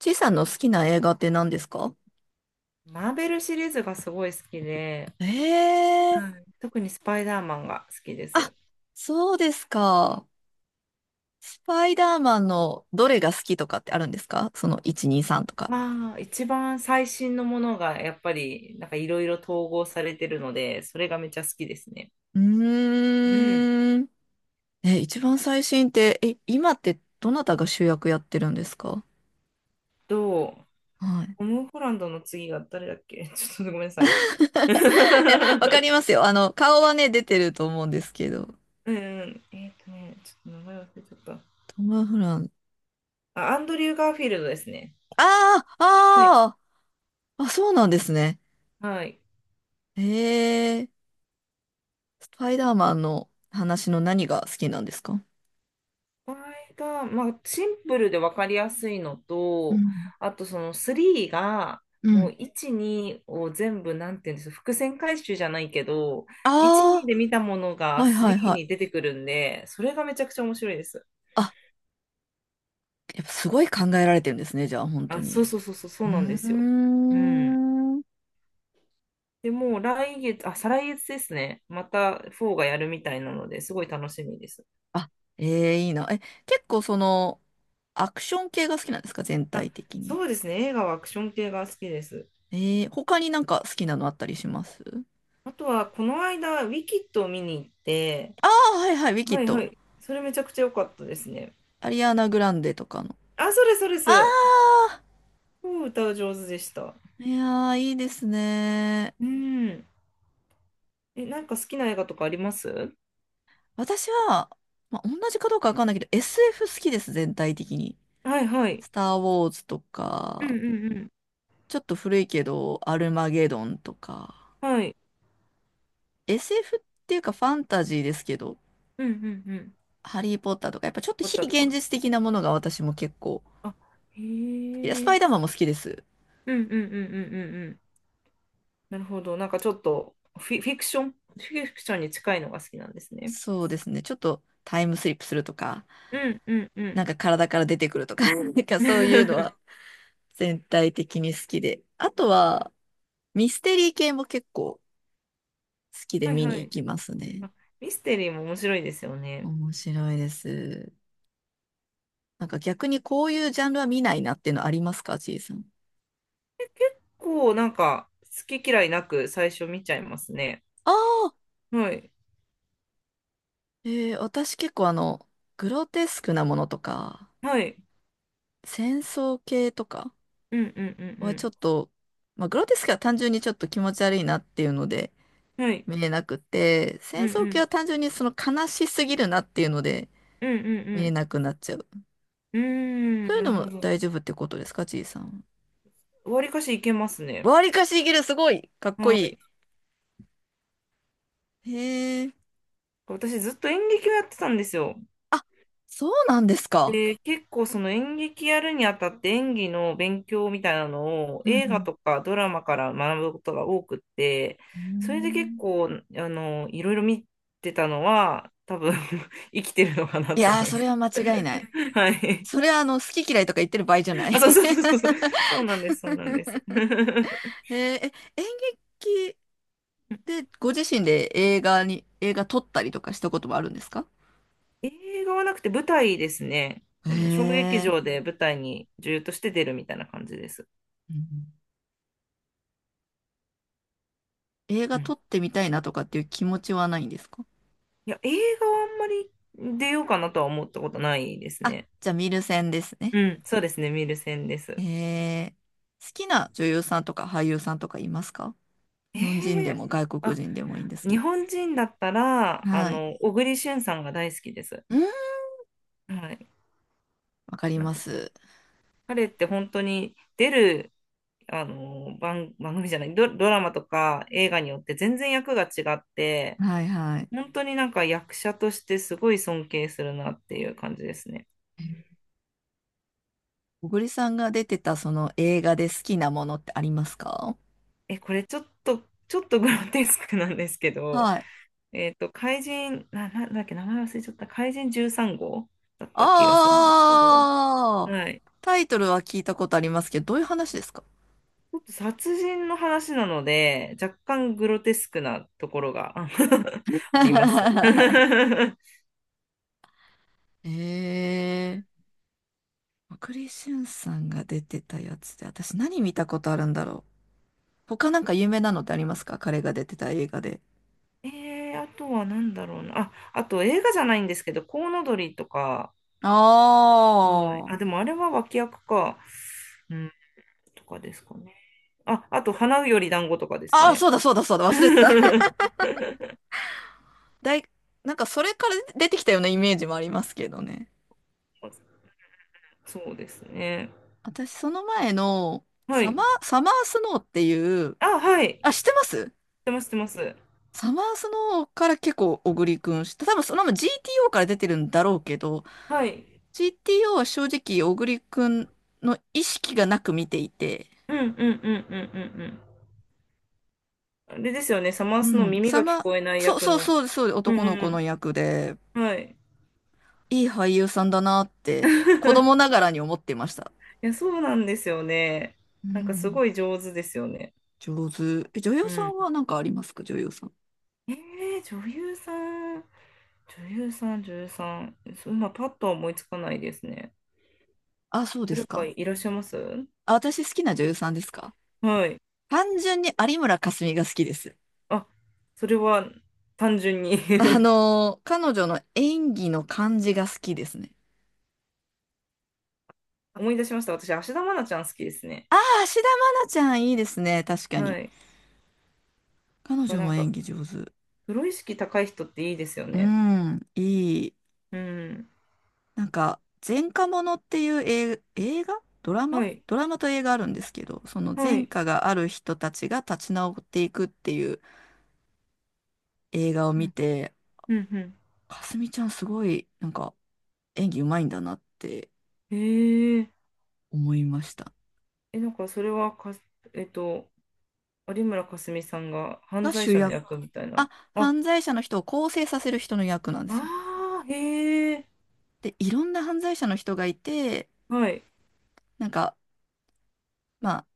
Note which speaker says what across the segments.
Speaker 1: ちいさんの好きな映画って何ですか？
Speaker 2: マーベルシリーズがすごい好きで、
Speaker 1: え
Speaker 2: は
Speaker 1: え。
Speaker 2: い。特にスパイダーマンが好きで
Speaker 1: あ、
Speaker 2: す。
Speaker 1: そうですか。スパイダーマンのどれが好きとかってあるんですか、その1、2、3とか？
Speaker 2: まあ、一番最新のものがやっぱりなんかいろいろ統合されてるので、それがめっちゃ好きですね。
Speaker 1: う
Speaker 2: うん。
Speaker 1: ーん。え、一番最新って、今ってどなたが主役やってるんですか？
Speaker 2: と、
Speaker 1: はい。
Speaker 2: ト ム・ホランドの次が誰だっけ ちょっとごめんなさい。
Speaker 1: いや、わか りますよ。顔はね、出てると思うんですけど。
Speaker 2: うん。ちょっと名前忘れちゃっ
Speaker 1: トム・フラン。
Speaker 2: た。あ、アンドリュー・ガーフィールドですね。
Speaker 1: あー
Speaker 2: はい。
Speaker 1: あー、あ、そうなんですね。
Speaker 2: はい。
Speaker 1: ええ。スパイダーマンの話の何が好きなんですか？
Speaker 2: 場合が、まあ、シンプルで分かりやすいの
Speaker 1: う
Speaker 2: と、
Speaker 1: ん
Speaker 2: あとその3が、
Speaker 1: う
Speaker 2: も
Speaker 1: ん。
Speaker 2: う1、2を全部、なんていうんですか、伏線回収じゃないけど、1、2
Speaker 1: あ
Speaker 2: で見たもの
Speaker 1: あ、
Speaker 2: が
Speaker 1: はいはい
Speaker 2: 3
Speaker 1: はい。
Speaker 2: に出てくるんで、それがめちゃくちゃ面白いです。
Speaker 1: あ、やっぱすごい考えられてるんですね、じゃあ、本当
Speaker 2: あ、そう
Speaker 1: に。
Speaker 2: そうそうそう、そ
Speaker 1: う
Speaker 2: う
Speaker 1: ー
Speaker 2: なんですよ。うん。
Speaker 1: ん。
Speaker 2: で、もう来月、あ、再来月ですね。また4がやるみたいなので、すごい楽しみです。
Speaker 1: あ、ええ、いいな。結構アクション系が好きなんですか、全
Speaker 2: あ、
Speaker 1: 体的に。
Speaker 2: そうですね。映画はアクション系が好きです。
Speaker 1: ええ。他になんか好きなのあったりします？
Speaker 2: あとは、この間、ウィキッドを見に行って、
Speaker 1: ああー、はいはい、ウィキ
Speaker 2: は
Speaker 1: ッ
Speaker 2: いは
Speaker 1: ド。
Speaker 2: い。それめちゃくちゃ良かったですね。
Speaker 1: アリアナ・グランデとかの。
Speaker 2: あ、それそれで
Speaker 1: あ
Speaker 2: す。
Speaker 1: あ、
Speaker 2: うん歌う上手でした。
Speaker 1: いやー、いいですね。
Speaker 2: うん。え、なんか好きな映画とかあります？
Speaker 1: 私は、まあ、同じかどうかわかんないけど、SF 好きです、全体的に。
Speaker 2: はいはい。
Speaker 1: スター・ウォーズと
Speaker 2: うんう
Speaker 1: か、
Speaker 2: んうん。
Speaker 1: ちょっと古いけど、アルマゲドンとか、
Speaker 2: はい。
Speaker 1: SF っていうかファンタジーですけど、
Speaker 2: うんうんうん。
Speaker 1: ハリー・ポッターとか、やっぱちょっと
Speaker 2: 撮っ
Speaker 1: 非
Speaker 2: たと
Speaker 1: 現
Speaker 2: か。
Speaker 1: 実的なものが私も結構、
Speaker 2: あ、へ
Speaker 1: いや、スパ
Speaker 2: え。
Speaker 1: イダーマンも好きです。
Speaker 2: うんうんうんうんうんうん。なるほど。なんかちょっとフィクションに近いのが好きなんですね。
Speaker 1: そうですね、ちょっとタイムスリップするとか、
Speaker 2: うんうんう
Speaker 1: な
Speaker 2: ん。
Speaker 1: んか体から出てくるとか、なんかそういうの は全体的に好きで。あとは、ミステリー系も結構好きで
Speaker 2: はい
Speaker 1: 見に
Speaker 2: は
Speaker 1: 行
Speaker 2: い。
Speaker 1: きますね。
Speaker 2: あ、ミステリーも面白いですよね。
Speaker 1: 面白いです。なんか逆にこういうジャンルは見ないなっていうのありますか、ちいさん？
Speaker 2: こう、なんか好き嫌いなく最初見ちゃいますね。
Speaker 1: あ、
Speaker 2: はい。
Speaker 1: 私結構グロテスクなものとか、
Speaker 2: はい。
Speaker 1: 戦争系とか
Speaker 2: うんうんう
Speaker 1: はちょっ
Speaker 2: ん
Speaker 1: と、まあ、グロテスクは単純にちょっと気持ち悪いなっていうので
Speaker 2: うん。はい。
Speaker 1: 見れなくて、
Speaker 2: う
Speaker 1: 戦
Speaker 2: んう
Speaker 1: 争系
Speaker 2: ん。
Speaker 1: は単純に悲しすぎるなっていうので
Speaker 2: うんう
Speaker 1: 見れ
Speaker 2: ん
Speaker 1: なくなっちゃう。
Speaker 2: うん。うー
Speaker 1: そ
Speaker 2: ん、
Speaker 1: うい
Speaker 2: な
Speaker 1: うの
Speaker 2: るほ
Speaker 1: も
Speaker 2: ど。
Speaker 1: 大丈夫ってことですか、ちいさん？
Speaker 2: わりかしいけますね。
Speaker 1: わりかしいける、すごい、かっこ
Speaker 2: は
Speaker 1: い
Speaker 2: い。
Speaker 1: い。へえ。
Speaker 2: 私ずっと演劇をやってたんですよ。
Speaker 1: あ、そうなんですか。
Speaker 2: で、結構その演劇やるにあたって演技の勉強みたいなのを
Speaker 1: うんう
Speaker 2: 映画
Speaker 1: ん。
Speaker 2: とかドラマから学ぶことが多くって、
Speaker 1: うー
Speaker 2: それで結
Speaker 1: ん。
Speaker 2: 構、いろいろ見てたのは、多分 生きてるのかな
Speaker 1: い
Speaker 2: と
Speaker 1: やー、
Speaker 2: 思いま
Speaker 1: そ
Speaker 2: す。
Speaker 1: れは間違いない。
Speaker 2: はい。
Speaker 1: それは好き嫌いとか言ってる場合じゃない。
Speaker 2: あ、そうそうそうそう。そうなんです、そうなんです。
Speaker 1: へえ、演劇でご自身で映画撮ったりとかしたこともあるんですか？
Speaker 2: 映画はなくて舞台ですね。
Speaker 1: へ
Speaker 2: 小劇
Speaker 1: え、
Speaker 2: 場で舞台に女優として出るみたいな感じです。
Speaker 1: うん。映
Speaker 2: う
Speaker 1: 画撮
Speaker 2: ん。
Speaker 1: ってみたいなとかっていう気持ちはないんですか？
Speaker 2: いや、映画はあんまり出ようかなとは思ったことないです
Speaker 1: あ、
Speaker 2: ね。
Speaker 1: じゃあ見る専ですね。
Speaker 2: うん、そうですね、見る線で
Speaker 1: へ
Speaker 2: す。
Speaker 1: え、好きな女優さんとか俳優さんとかいますか？
Speaker 2: え
Speaker 1: 日本人で
Speaker 2: ー、
Speaker 1: も外国
Speaker 2: あ、
Speaker 1: 人でもいいんですけ
Speaker 2: 日
Speaker 1: ど。
Speaker 2: 本人だったら、
Speaker 1: はい。
Speaker 2: 小栗旬さんが大好きです。
Speaker 1: うん。
Speaker 2: はい。
Speaker 1: わかり
Speaker 2: なん
Speaker 1: ま
Speaker 2: か、
Speaker 1: す。
Speaker 2: 彼って本当に出る、あの、番組じゃない、ドラマとか映画によって全然役が違って、
Speaker 1: はいはい。
Speaker 2: 本当になんか役者としてすごい尊敬するなっていう感じですね。
Speaker 1: 小栗さんが出てたその映画で好きなものってありますか？
Speaker 2: え、これちょっとグロテスクなんですけど、
Speaker 1: はい。
Speaker 2: 怪人、なんだっけ、名前忘れちゃった、怪人13号だった気がするんですけど、
Speaker 1: ああ、
Speaker 2: はい。
Speaker 1: タイトルは聞いたことありますけど、どういう話ですか？
Speaker 2: ちょっと殺人の話なので、若干グロテスクなところが あります。
Speaker 1: ええー、小しゅんさんが出てたやつで、私何見たことあるんだろう。他なんか有名なのってありますか、彼が出てた映画で。
Speaker 2: あとは何だろうな。あ、あと映画じゃないんですけど、コウノドリとか、うん、
Speaker 1: あ
Speaker 2: あ、でもあれは脇役か。うんとかですかね。あ、あと、花より団子とかですか
Speaker 1: あああ、
Speaker 2: ね。
Speaker 1: そうだそうだそうだ、忘れてた。だい、なんかそれから出てきたようなイメージもありますけどね。
Speaker 2: そうですね。
Speaker 1: 私その前の、
Speaker 2: は
Speaker 1: サ
Speaker 2: い。
Speaker 1: マー、サマースノーっていう、
Speaker 2: あ、はい。
Speaker 1: あ、知ってます？
Speaker 2: 知ってます、知ってます。
Speaker 1: サマースノーから結構小栗くん知った。多分そのまま GTO から出てるんだろうけど、
Speaker 2: はい。
Speaker 1: GTO は正直小栗くんの意識がなく見ていて、
Speaker 2: うんうんうんうんうんうん。あれですよね、サマ
Speaker 1: う
Speaker 2: ースの
Speaker 1: ん、
Speaker 2: 耳が聞こえない
Speaker 1: そう
Speaker 2: 役
Speaker 1: そう
Speaker 2: の。
Speaker 1: そうです、そうです、
Speaker 2: う
Speaker 1: 男の子の
Speaker 2: ん
Speaker 1: 役で、
Speaker 2: うん。はい。
Speaker 1: いい俳優さんだなって子供な がらに思ってました。
Speaker 2: いや、そうなんですよね。
Speaker 1: う
Speaker 2: なんかす
Speaker 1: ん、
Speaker 2: ごい上手ですよね。
Speaker 1: 上手。女優
Speaker 2: う
Speaker 1: さ
Speaker 2: ん。
Speaker 1: んは何かありますか、女優さん？
Speaker 2: え女優さん、女優さん、女優さん、そう今パッとは思いつかないですね。
Speaker 1: あ、そうで
Speaker 2: 誰
Speaker 1: す
Speaker 2: か
Speaker 1: か。
Speaker 2: いらっしゃいます？
Speaker 1: あ、私好きな女優さんですか。
Speaker 2: はい。
Speaker 1: 単純に有村架純が好きです。
Speaker 2: あ、それは単純に
Speaker 1: 彼女の演技の感じが好きですね。
Speaker 2: 思い出しました。私、芦田愛菜ちゃん好きですね。
Speaker 1: ああ、芦田愛菜ちゃんいいですね。確かに。
Speaker 2: はい。やっ
Speaker 1: 彼
Speaker 2: ぱ
Speaker 1: 女
Speaker 2: な
Speaker 1: も
Speaker 2: んか、
Speaker 1: 演技上手。
Speaker 2: プロ意識高い人っていいですよ
Speaker 1: う
Speaker 2: ね。
Speaker 1: ん、いい。
Speaker 2: うん。
Speaker 1: なんか、前科者っていう映画、ドラマ
Speaker 2: はい。
Speaker 1: ドラマと映画あるんですけど、その
Speaker 2: は
Speaker 1: 前
Speaker 2: い。
Speaker 1: 科がある人たちが立ち直っていくっていう映画を
Speaker 2: う
Speaker 1: 見
Speaker 2: ん。
Speaker 1: て、
Speaker 2: うん。うん。
Speaker 1: かすみちゃんすごい、なんか、演技うまいんだなって
Speaker 2: へえ。
Speaker 1: 思いました。
Speaker 2: え、なんか、それはか、えっと、有村架純さんが犯
Speaker 1: が
Speaker 2: 罪
Speaker 1: 主
Speaker 2: 者の
Speaker 1: 役。
Speaker 2: 役みたい
Speaker 1: あ、
Speaker 2: な。あ、
Speaker 1: 犯罪者の人を更生させる人の役なんですよ。
Speaker 2: ああ、へえ。
Speaker 1: で、いろんな犯罪者の人がいて、
Speaker 2: はい。
Speaker 1: なんか、まあ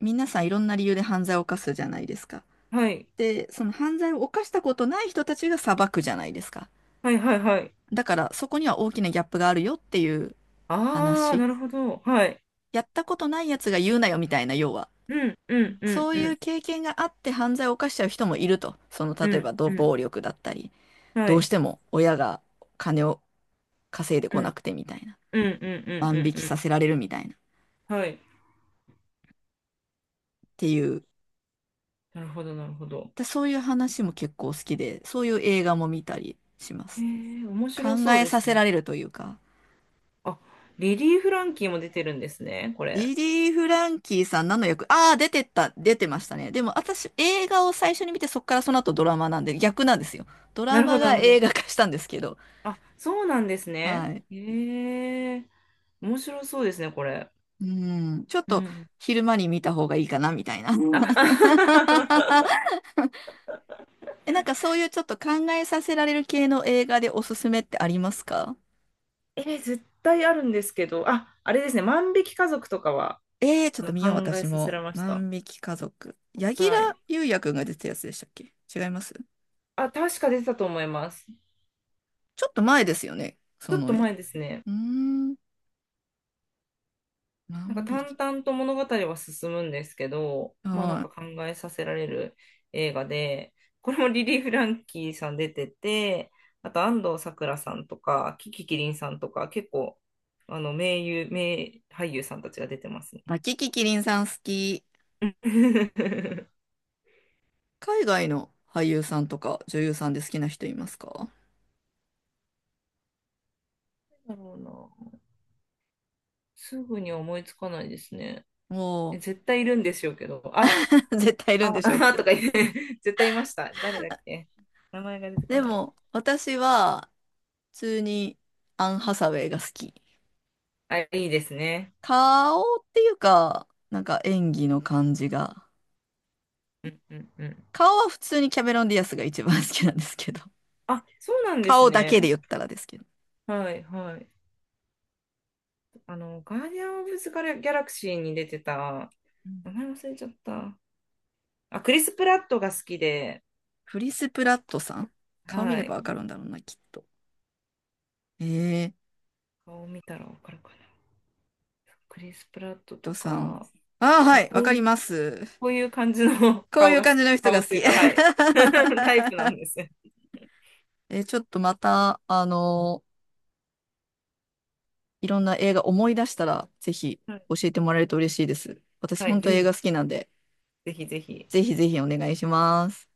Speaker 1: 皆さんいろんな理由で犯罪を犯すじゃないですか。
Speaker 2: はい。
Speaker 1: で、その犯罪を犯したことない人たちが裁くじゃないですか。
Speaker 2: はいはいはい。
Speaker 1: だからそこには大きなギャップがあるよっていう
Speaker 2: ああ、
Speaker 1: 話。
Speaker 2: なるほど。はい。
Speaker 1: やったことないやつが言うなよみたいな、要は。
Speaker 2: うん。うん。うん。
Speaker 1: そう
Speaker 2: う
Speaker 1: いう
Speaker 2: ん。
Speaker 1: 経験があって犯罪を犯しちゃう人もいると。
Speaker 2: う
Speaker 1: 例え
Speaker 2: ん。
Speaker 1: ばど
Speaker 2: うん。
Speaker 1: 暴力だったり、
Speaker 2: は
Speaker 1: どうし
Speaker 2: い。
Speaker 1: ても親が金を稼いで
Speaker 2: う
Speaker 1: こな
Speaker 2: ん
Speaker 1: くてみたいな。
Speaker 2: うんうんうんう
Speaker 1: 万引
Speaker 2: ん
Speaker 1: きさ
Speaker 2: う
Speaker 1: せられるみたいな。っ
Speaker 2: ん。はい。
Speaker 1: ていう。
Speaker 2: なるほど、なるほど。
Speaker 1: で、そういう話も結構好きで、そういう映画も見たりします。
Speaker 2: 面白
Speaker 1: 考
Speaker 2: そう
Speaker 1: え
Speaker 2: で
Speaker 1: さ
Speaker 2: す
Speaker 1: せ
Speaker 2: ね。
Speaker 1: られるというか。
Speaker 2: あ、リリー・フランキーも出てるんですね、これ。
Speaker 1: リリー・フランキーさん何の役？ああ、出てましたね。でも私、映画を最初に見て、そっからその後ドラマなんで、逆なんですよ。ド
Speaker 2: な
Speaker 1: ラ
Speaker 2: る
Speaker 1: マ
Speaker 2: ほど、な
Speaker 1: が
Speaker 2: るほど。
Speaker 1: 映画化したんですけど。
Speaker 2: あ、そうなんですね。
Speaker 1: はい。
Speaker 2: 面白そうですね、これ。
Speaker 1: うん。ちょっ
Speaker 2: う
Speaker 1: と、
Speaker 2: ん。
Speaker 1: 昼間に見た方がいいかな、みたいな。うん。
Speaker 2: あ、
Speaker 1: なんかそういうちょっと考えさせられる系の映画でおすすめってありますか？
Speaker 2: 絶対あるんですけど、あ、あれですね、万引き家族とかは、
Speaker 1: ちょっと見よう、
Speaker 2: 考え
Speaker 1: 私
Speaker 2: させ
Speaker 1: も。
Speaker 2: られました。
Speaker 1: 万引き家族。柳
Speaker 2: はい。
Speaker 1: 楽優弥くんが出てたやつでしたっけ、違います？
Speaker 2: あ、確か出てたと思います。
Speaker 1: ちょっと前ですよね、
Speaker 2: ち
Speaker 1: そ
Speaker 2: ょっと
Speaker 1: の絵。
Speaker 2: 前ですね。
Speaker 1: うーん、
Speaker 2: なんか
Speaker 1: 万匹。
Speaker 2: 淡々と物語は進むんですけど、まあなん
Speaker 1: は
Speaker 2: か
Speaker 1: い。
Speaker 2: 考えさせられる映画で、これもリリー・フランキーさん出てて、あと安藤サクラさんとか、キキキリンさんとか、結構、名俳優さんたちが出てますね。
Speaker 1: あ、キキキリンさん好き。海外の俳優さんとか女優さんで好きな人いますか？
Speaker 2: なんだろうな。すぐには思いつかないですね。え、
Speaker 1: も
Speaker 2: 絶対いるんでしょうけど、あ、
Speaker 1: う、絶対いるん
Speaker 2: あ、
Speaker 1: でしょう
Speaker 2: あ
Speaker 1: け
Speaker 2: と
Speaker 1: ど。
Speaker 2: か言って、絶対いました。誰だっけ。名前が出てこ
Speaker 1: で
Speaker 2: ない。
Speaker 1: も、私は、普通にアン・ハサウェイが好き。
Speaker 2: あ、いいですね。
Speaker 1: 顔っていうか、なんか演技の感じが。
Speaker 2: うんうんうん。
Speaker 1: 顔は普通にキャメロン・ディアスが一番好きなんですけど。
Speaker 2: あ、そうなんです
Speaker 1: 顔だけで
Speaker 2: ね。
Speaker 1: 言ったらですけど。
Speaker 2: はいはい。ガーディアン・オブ・ザ・ギャラクシーに出てた、
Speaker 1: う
Speaker 2: 名
Speaker 1: ん。
Speaker 2: 前忘れちゃった。あ、クリス・プラットが好きで、
Speaker 1: クリス・プラットさん、顔見
Speaker 2: は
Speaker 1: ればわ
Speaker 2: い。
Speaker 1: かるんだろうな、きっと。えー
Speaker 2: 顔見たらわかるかな。クリス・プラットと
Speaker 1: トさん。
Speaker 2: か、
Speaker 1: ああ、は
Speaker 2: あ
Speaker 1: い、わ
Speaker 2: こう
Speaker 1: かり
Speaker 2: いう、
Speaker 1: ます。
Speaker 2: こういう感じの
Speaker 1: こう
Speaker 2: 顔
Speaker 1: いう
Speaker 2: が好き、
Speaker 1: 感じの人
Speaker 2: 顔
Speaker 1: が
Speaker 2: っ
Speaker 1: 好
Speaker 2: てい
Speaker 1: き。
Speaker 2: う か、はい。タイプなんです。
Speaker 1: ちょっとまた、いろんな映画思い出したら、ぜひ
Speaker 2: はい、
Speaker 1: 教えてもらえると嬉しいです。私、
Speaker 2: は
Speaker 1: 本
Speaker 2: い、ぜ
Speaker 1: 当映画好
Speaker 2: ひ、
Speaker 1: きなんで、
Speaker 2: ぜひぜひ。
Speaker 1: ぜひぜひお願いします。